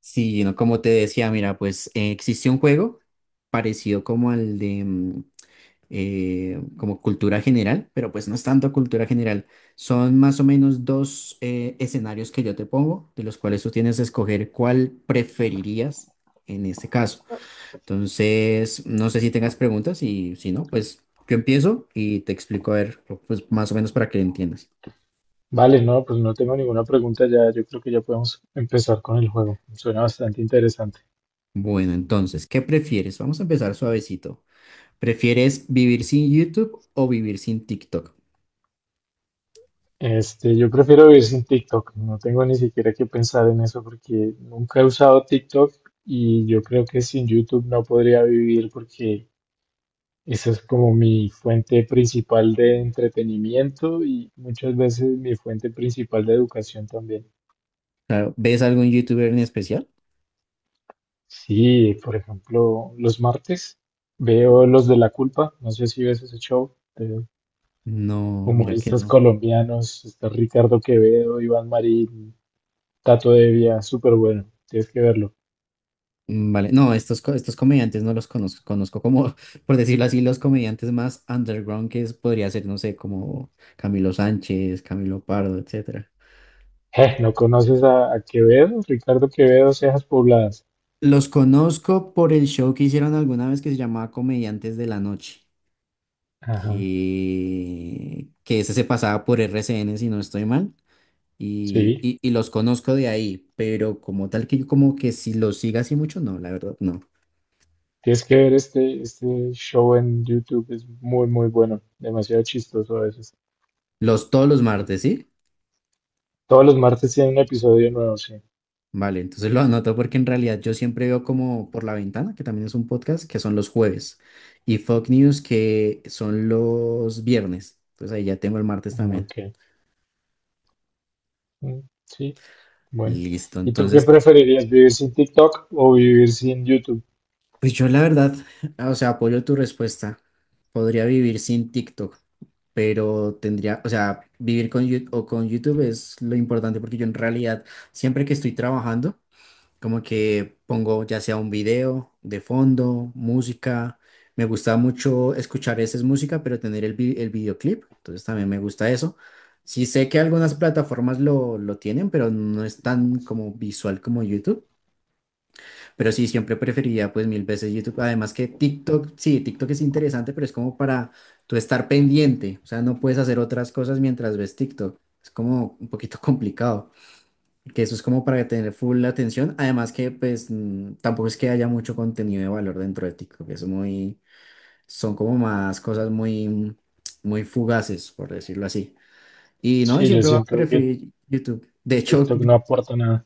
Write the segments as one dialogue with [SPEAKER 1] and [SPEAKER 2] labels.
[SPEAKER 1] Sí, no, como te decía, mira, pues existe un juego parecido como al de como cultura general, pero pues no es tanto cultura general. Son más o menos dos escenarios que yo te pongo, de los cuales tú tienes que escoger cuál preferirías en este caso. Entonces, no sé si tengas preguntas y si no, pues yo empiezo y te explico a ver, pues más o menos para que entiendas.
[SPEAKER 2] Vale, no, pues no tengo ninguna pregunta ya. Yo creo que ya podemos empezar con el juego. Suena bastante interesante.
[SPEAKER 1] Bueno, entonces, ¿qué prefieres? Vamos a empezar suavecito. ¿Prefieres vivir sin YouTube o vivir sin TikTok?
[SPEAKER 2] Yo prefiero vivir sin TikTok. No tengo ni siquiera que pensar en eso porque nunca he usado TikTok y yo creo que sin YouTube no podría vivir porque esa es como mi fuente principal de entretenimiento y muchas veces mi fuente principal de educación también.
[SPEAKER 1] Claro, ¿ves algún YouTuber en especial?
[SPEAKER 2] Sí, por ejemplo, los martes veo Los de la Culpa. No sé si ves ese show.
[SPEAKER 1] No, mira que
[SPEAKER 2] Humoristas
[SPEAKER 1] no.
[SPEAKER 2] colombianos, está Ricardo Quevedo, Iván Marín, Tato Devia, súper bueno, tienes que verlo.
[SPEAKER 1] Vale, no, estos comediantes no los conozco, conozco como, por decirlo así, los comediantes más underground podría ser, no sé, como Camilo Sánchez, Camilo Pardo, etcétera.
[SPEAKER 2] ¿No conoces a Quevedo? Ricardo Quevedo, Cejas Pobladas.
[SPEAKER 1] Los conozco por el show que hicieron alguna vez que se llamaba Comediantes de la Noche,
[SPEAKER 2] Ajá,
[SPEAKER 1] que ese se pasaba por RCN, si no estoy mal. Y,
[SPEAKER 2] sí,
[SPEAKER 1] y, y los conozco de ahí, pero como tal que yo como que si los siga así mucho, no, la verdad, no.
[SPEAKER 2] tienes que ver este show en YouTube, es muy, muy bueno, demasiado chistoso a veces.
[SPEAKER 1] Los todos los martes, ¿sí?
[SPEAKER 2] Todos los martes tiene un episodio nuevo, sí.
[SPEAKER 1] Vale, entonces lo anoto porque en realidad yo siempre veo como por la ventana, que también es un podcast, que son los jueves, y Fox News, que son los viernes. Entonces ahí ya tengo el martes
[SPEAKER 2] Ah,
[SPEAKER 1] también.
[SPEAKER 2] ok. Mm, sí, bueno.
[SPEAKER 1] Listo,
[SPEAKER 2] ¿Y tú qué
[SPEAKER 1] entonces.
[SPEAKER 2] preferirías, vivir sin TikTok o vivir sin YouTube?
[SPEAKER 1] Pues yo la verdad, o sea, apoyo tu respuesta. Podría vivir sin TikTok, pero tendría, o sea, vivir con YouTube o con YouTube es lo importante porque yo en realidad siempre que estoy trabajando, como que pongo ya sea un video de fondo, música. Me gusta mucho escuchar esa música, pero tener el videoclip, entonces también me gusta eso. Sí sé que algunas plataformas lo tienen, pero no es tan como visual como YouTube. Pero sí, siempre preferiría pues mil veces YouTube. Además que TikTok, sí, TikTok es interesante, pero es como para tú estar pendiente. O sea, no puedes hacer otras cosas mientras ves TikTok. Es como un poquito complicado. Que eso es como para tener full la atención. Además que pues tampoco es que haya mucho contenido de valor dentro de TikTok. Es muy, son como más cosas muy fugaces, por decirlo así. Y no, y
[SPEAKER 2] Sí, yo
[SPEAKER 1] siempre va a
[SPEAKER 2] siento que
[SPEAKER 1] preferir YouTube. De hecho,
[SPEAKER 2] TikTok no aporta nada.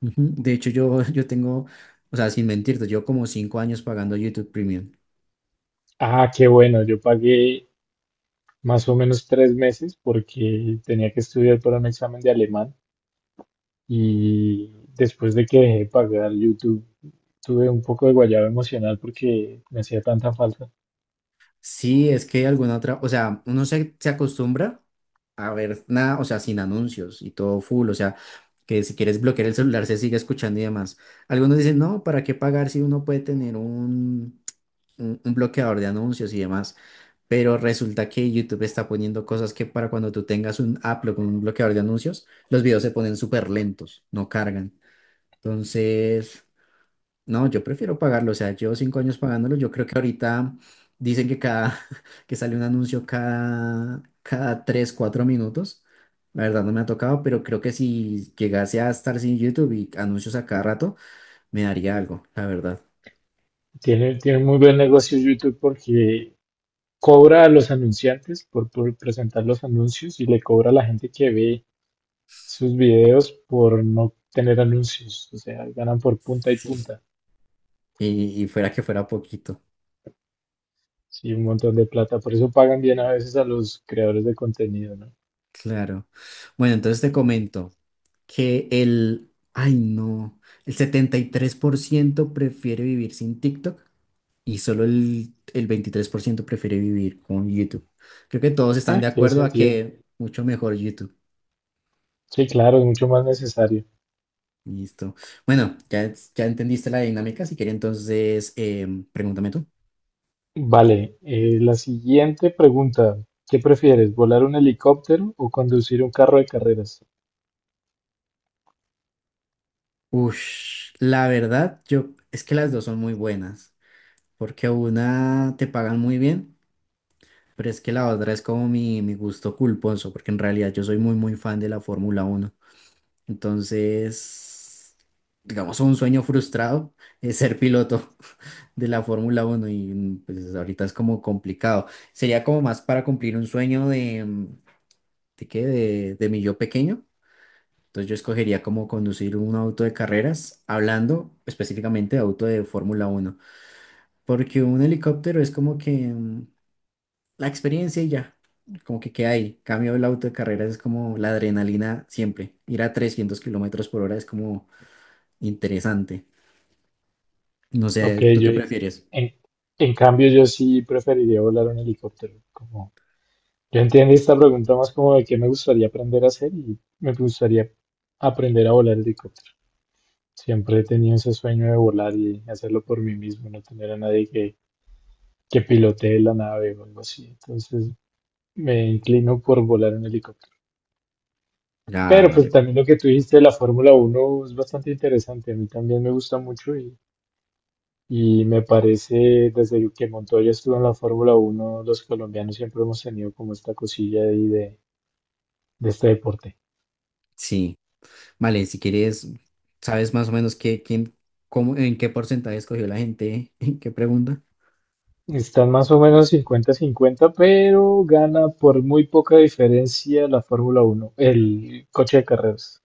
[SPEAKER 1] ujú. De hecho, yo tengo, o sea, sin mentirte, yo como 5 años pagando YouTube Premium.
[SPEAKER 2] Ah, qué bueno, yo pagué más o menos 3 meses porque tenía que estudiar para un examen de alemán y después de que dejé de pagar YouTube tuve un poco de guayaba emocional porque me hacía tanta falta.
[SPEAKER 1] Sí, es que alguna otra, o sea, uno se acostumbra a ver nada, o sea, sin anuncios y todo full, o sea, que si quieres bloquear el celular se sigue escuchando y demás. Algunos dicen, no, ¿para qué pagar si uno puede tener un bloqueador de anuncios y demás? Pero resulta que YouTube está poniendo cosas que para cuando tú tengas un Apple con un bloqueador de anuncios, los videos se ponen súper lentos, no cargan. Entonces... No, yo prefiero pagarlo, o sea, llevo 5 años pagándolo, yo creo que ahorita dicen que cada, que sale un anuncio cada tres, cuatro minutos, la verdad no me ha tocado, pero creo que si llegase a estar sin YouTube y anuncios a cada rato, me daría algo, la verdad.
[SPEAKER 2] Tiene muy buen negocio YouTube porque cobra a los anunciantes por presentar los anuncios y le cobra a la gente que ve sus videos por no tener anuncios, o sea, ganan por punta y
[SPEAKER 1] Sí.
[SPEAKER 2] punta.
[SPEAKER 1] Y fuera que fuera poquito,
[SPEAKER 2] Sí, un montón de plata, por eso pagan bien a veces a los creadores de contenido, ¿no?
[SPEAKER 1] claro. Bueno, entonces te comento que el, ay no, el 73% prefiere vivir sin TikTok y solo el 23% prefiere vivir con YouTube. Creo que todos están
[SPEAKER 2] Ah,
[SPEAKER 1] de
[SPEAKER 2] tiene
[SPEAKER 1] acuerdo a
[SPEAKER 2] sentido.
[SPEAKER 1] que mucho mejor YouTube.
[SPEAKER 2] Sí, claro, es mucho más necesario.
[SPEAKER 1] Listo. Bueno, ya entendiste la dinámica. Si quieres, entonces, pregúntame tú.
[SPEAKER 2] Vale, la siguiente pregunta. ¿Qué prefieres, volar un helicóptero o conducir un carro de carreras?
[SPEAKER 1] Ush, la verdad, yo, es que las dos son muy buenas, porque una te pagan muy bien, pero es que la otra es como mi gusto culposo, porque en realidad yo soy muy fan de la Fórmula Uno. Entonces, digamos, un sueño frustrado es ser piloto de la Fórmula uno y pues ahorita es como complicado. Sería como más para cumplir un sueño de ¿de qué? De mi yo pequeño. Entonces yo escogería como conducir un auto de carreras, hablando específicamente de auto de Fórmula uno porque un helicóptero es como que la experiencia y ya, como que queda ahí. Cambio el auto de carreras es como la adrenalina siempre. Ir a 300 kilómetros por hora es como interesante. No
[SPEAKER 2] Ok,
[SPEAKER 1] sé, ¿tú
[SPEAKER 2] yo
[SPEAKER 1] qué prefieres?
[SPEAKER 2] en, en cambio yo sí preferiría volar un helicóptero. Como, yo entiendo esta pregunta más como de qué me gustaría aprender a hacer y me gustaría aprender a volar helicóptero. Siempre he tenido ese sueño de volar y hacerlo por mí mismo, no tener a nadie que pilotee la nave o algo así. Entonces me inclino por volar en helicóptero.
[SPEAKER 1] Ah,
[SPEAKER 2] Pero pues
[SPEAKER 1] vale.
[SPEAKER 2] también lo que tú dijiste de la Fórmula Uno es bastante interesante. A mí también me gusta mucho y me parece, desde que Montoya estuvo en la Fórmula Uno los colombianos siempre hemos tenido como esta cosilla ahí de este deporte.
[SPEAKER 1] Sí. Vale, si quieres, ¿sabes más o menos qué, quién, cómo, en qué porcentaje escogió la gente? ¿En qué pregunta?
[SPEAKER 2] Están más o menos 50-50, pero gana por muy poca diferencia la Fórmula Uno, el coche de carreras.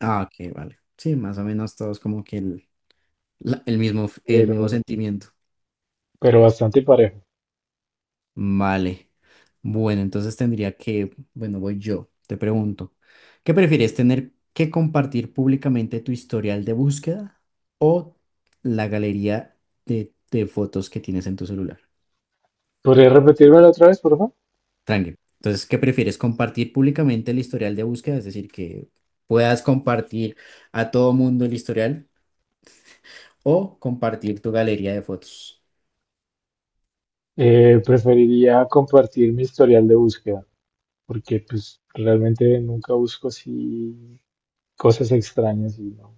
[SPEAKER 1] Ah, ok, vale. Sí, más o menos todos como que el, el mismo, el mismo
[SPEAKER 2] Pero,
[SPEAKER 1] sentimiento.
[SPEAKER 2] pero bastante parejo.
[SPEAKER 1] Vale. Bueno, entonces tendría que, bueno, voy yo, te pregunto, ¿qué prefieres tener que compartir públicamente tu historial de búsqueda o la galería de fotos que tienes en tu celular?
[SPEAKER 2] ¿Podrías repetírmelo otra vez, por favor?
[SPEAKER 1] Tranqui. Entonces, ¿qué prefieres? ¿Compartir públicamente el historial de búsqueda? Es decir, que puedas compartir a todo mundo el historial o compartir tu galería de fotos.
[SPEAKER 2] Preferiría compartir mi historial de búsqueda, porque pues realmente nunca busco así cosas extrañas y no.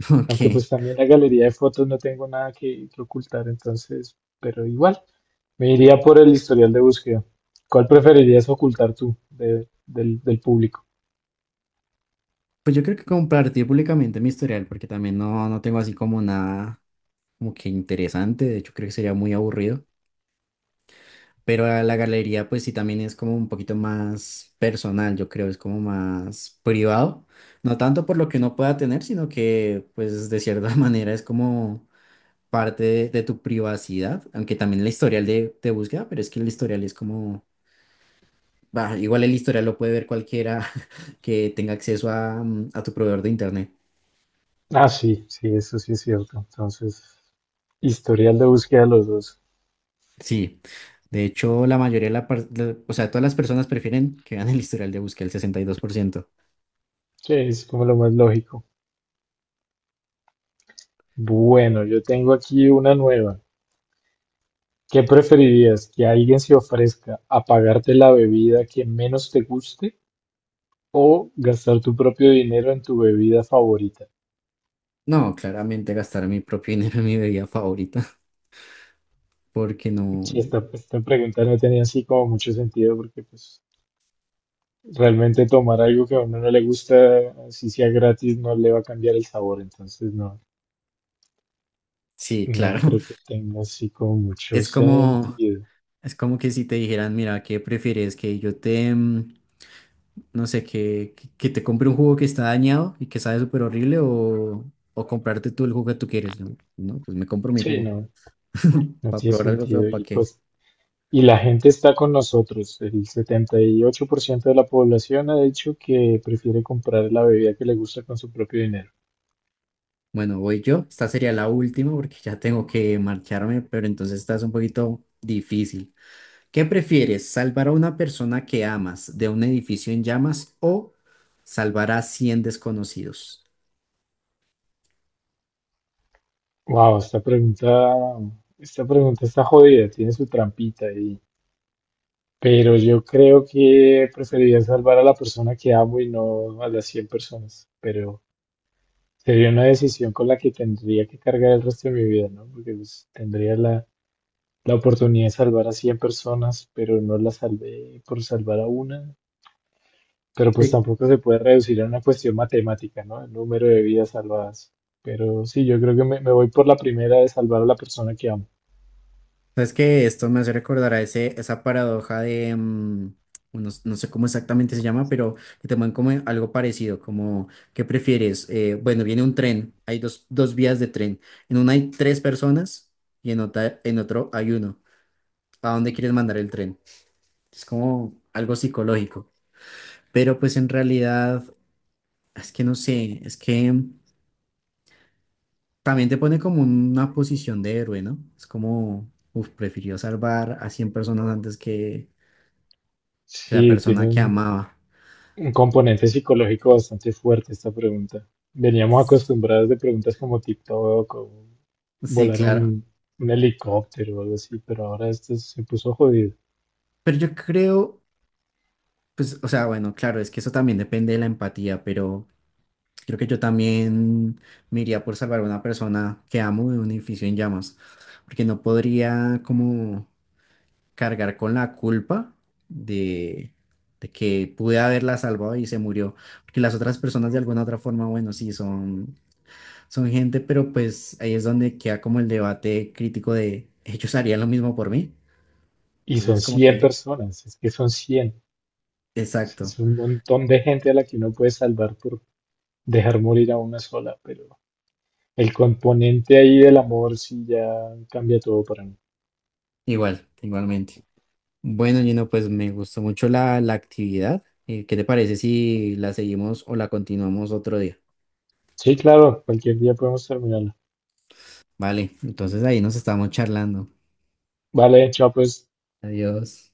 [SPEAKER 2] Aunque
[SPEAKER 1] Ok.
[SPEAKER 2] pues también la galería de fotos no tengo nada que ocultar, entonces, pero igual, me iría por el historial de búsqueda. ¿Cuál preferirías ocultar tú del público?
[SPEAKER 1] Pues yo creo que compartir públicamente mi historial, porque también no, no tengo así como nada como que interesante. De hecho, creo que sería muy aburrido. Pero a la galería, pues sí, también es como un poquito más personal, yo creo, es como más privado. No tanto por lo que uno pueda tener, sino que, pues, de cierta manera es como parte de tu privacidad, aunque también el historial de búsqueda, pero es que el historial es como, bah, igual el historial lo puede ver cualquiera que tenga acceso a tu proveedor de internet.
[SPEAKER 2] Ah, sí, sí, eso sí es cierto. Entonces, historial de búsqueda los dos.
[SPEAKER 1] Sí, de hecho, la mayoría de o sea, todas las personas prefieren que vean el historial de búsqueda, el 62%.
[SPEAKER 2] Sí, es como lo más lógico. Bueno, yo tengo aquí una nueva. ¿Qué preferirías? ¿Que alguien se ofrezca a pagarte la bebida que menos te guste o gastar tu propio dinero en tu bebida favorita?
[SPEAKER 1] No, claramente gastar mi propio dinero en mi bebida favorita, porque no,
[SPEAKER 2] Sí, esta pregunta no tenía así como mucho sentido porque pues realmente tomar algo que a uno no le gusta, así sea gratis, no le va a cambiar el sabor. Entonces no,
[SPEAKER 1] sí,
[SPEAKER 2] no
[SPEAKER 1] claro,
[SPEAKER 2] creo que tenga así como mucho
[SPEAKER 1] es como,
[SPEAKER 2] sentido.
[SPEAKER 1] es como que si te dijeran, mira, ¿qué prefieres? Que yo te... no sé, que te compre un jugo que está dañado y que sabe súper horrible o comprarte tú el jugo que tú quieres. No, no, pues me compro mi
[SPEAKER 2] Sí,
[SPEAKER 1] jugo
[SPEAKER 2] no, no
[SPEAKER 1] para
[SPEAKER 2] tiene
[SPEAKER 1] probar algo feo,
[SPEAKER 2] sentido.
[SPEAKER 1] ¿para
[SPEAKER 2] Y
[SPEAKER 1] qué?
[SPEAKER 2] pues y la gente está con nosotros. El 78% de la población ha dicho que prefiere comprar la bebida que le gusta con su propio dinero.
[SPEAKER 1] Bueno, voy yo. Esta sería la última porque ya tengo que marcharme, pero entonces esta es un poquito difícil. ¿Qué prefieres, salvar a una persona que amas de un edificio en llamas o salvar a 100 desconocidos?
[SPEAKER 2] Wow, esta pregunta está jodida, tiene su trampita ahí. Pero yo creo que preferiría salvar a la persona que amo y no a las 100 personas. Pero sería una decisión con la que tendría que cargar el resto de mi vida, ¿no? Porque pues, tendría la, la oportunidad de salvar a 100 personas, pero no la salvé por salvar a una. Pero pues tampoco se puede reducir a una cuestión matemática, ¿no? El número de vidas salvadas. Pero sí, yo creo que me voy por la primera de salvar a la persona que amo.
[SPEAKER 1] Sabes que esto me hace recordar a ese, esa paradoja de no, no sé cómo exactamente se llama, pero que te ponen como algo parecido, como, ¿qué prefieres? Bueno, viene un tren, hay dos vías de tren. En una hay tres personas y en otra, en otro hay uno. ¿A dónde quieres mandar el tren? Es como algo psicológico. Pero pues en realidad, es que no sé, es que también te pone como una posición de héroe, ¿no? Es como, uff, prefirió salvar a 100 personas antes que la
[SPEAKER 2] Sí, tiene
[SPEAKER 1] persona que
[SPEAKER 2] un,
[SPEAKER 1] amaba.
[SPEAKER 2] un componente psicológico bastante fuerte esta pregunta. Veníamos acostumbrados de preguntas como TikTok o
[SPEAKER 1] Sí,
[SPEAKER 2] volar
[SPEAKER 1] claro.
[SPEAKER 2] un helicóptero o algo así, pero ahora esto se puso jodido.
[SPEAKER 1] Pero yo creo, pues, o sea, bueno, claro, es que eso también depende de la empatía, pero creo que yo también me iría por salvar a una persona que amo de un edificio en llamas, porque no podría como cargar con la culpa de, de que pude haberla salvado y se murió, porque las otras personas de alguna otra forma, bueno, sí, son gente, pero pues ahí es donde queda como el debate crítico de, ¿ellos harían lo mismo por mí?
[SPEAKER 2] Y son
[SPEAKER 1] Entonces, como
[SPEAKER 2] cien
[SPEAKER 1] que...
[SPEAKER 2] personas, es que son 100.
[SPEAKER 1] Exacto,
[SPEAKER 2] Es un montón de gente a la que uno puede salvar por dejar morir a una sola, pero el componente ahí del amor sí ya cambia todo para mí.
[SPEAKER 1] igual, igualmente. Bueno, Gino, pues me gustó mucho la actividad. ¿Qué te parece si la seguimos o la continuamos otro día?
[SPEAKER 2] Sí, claro, cualquier día podemos terminarla.
[SPEAKER 1] Vale, entonces ahí nos estamos charlando.
[SPEAKER 2] Vale, chao pues.
[SPEAKER 1] Adiós.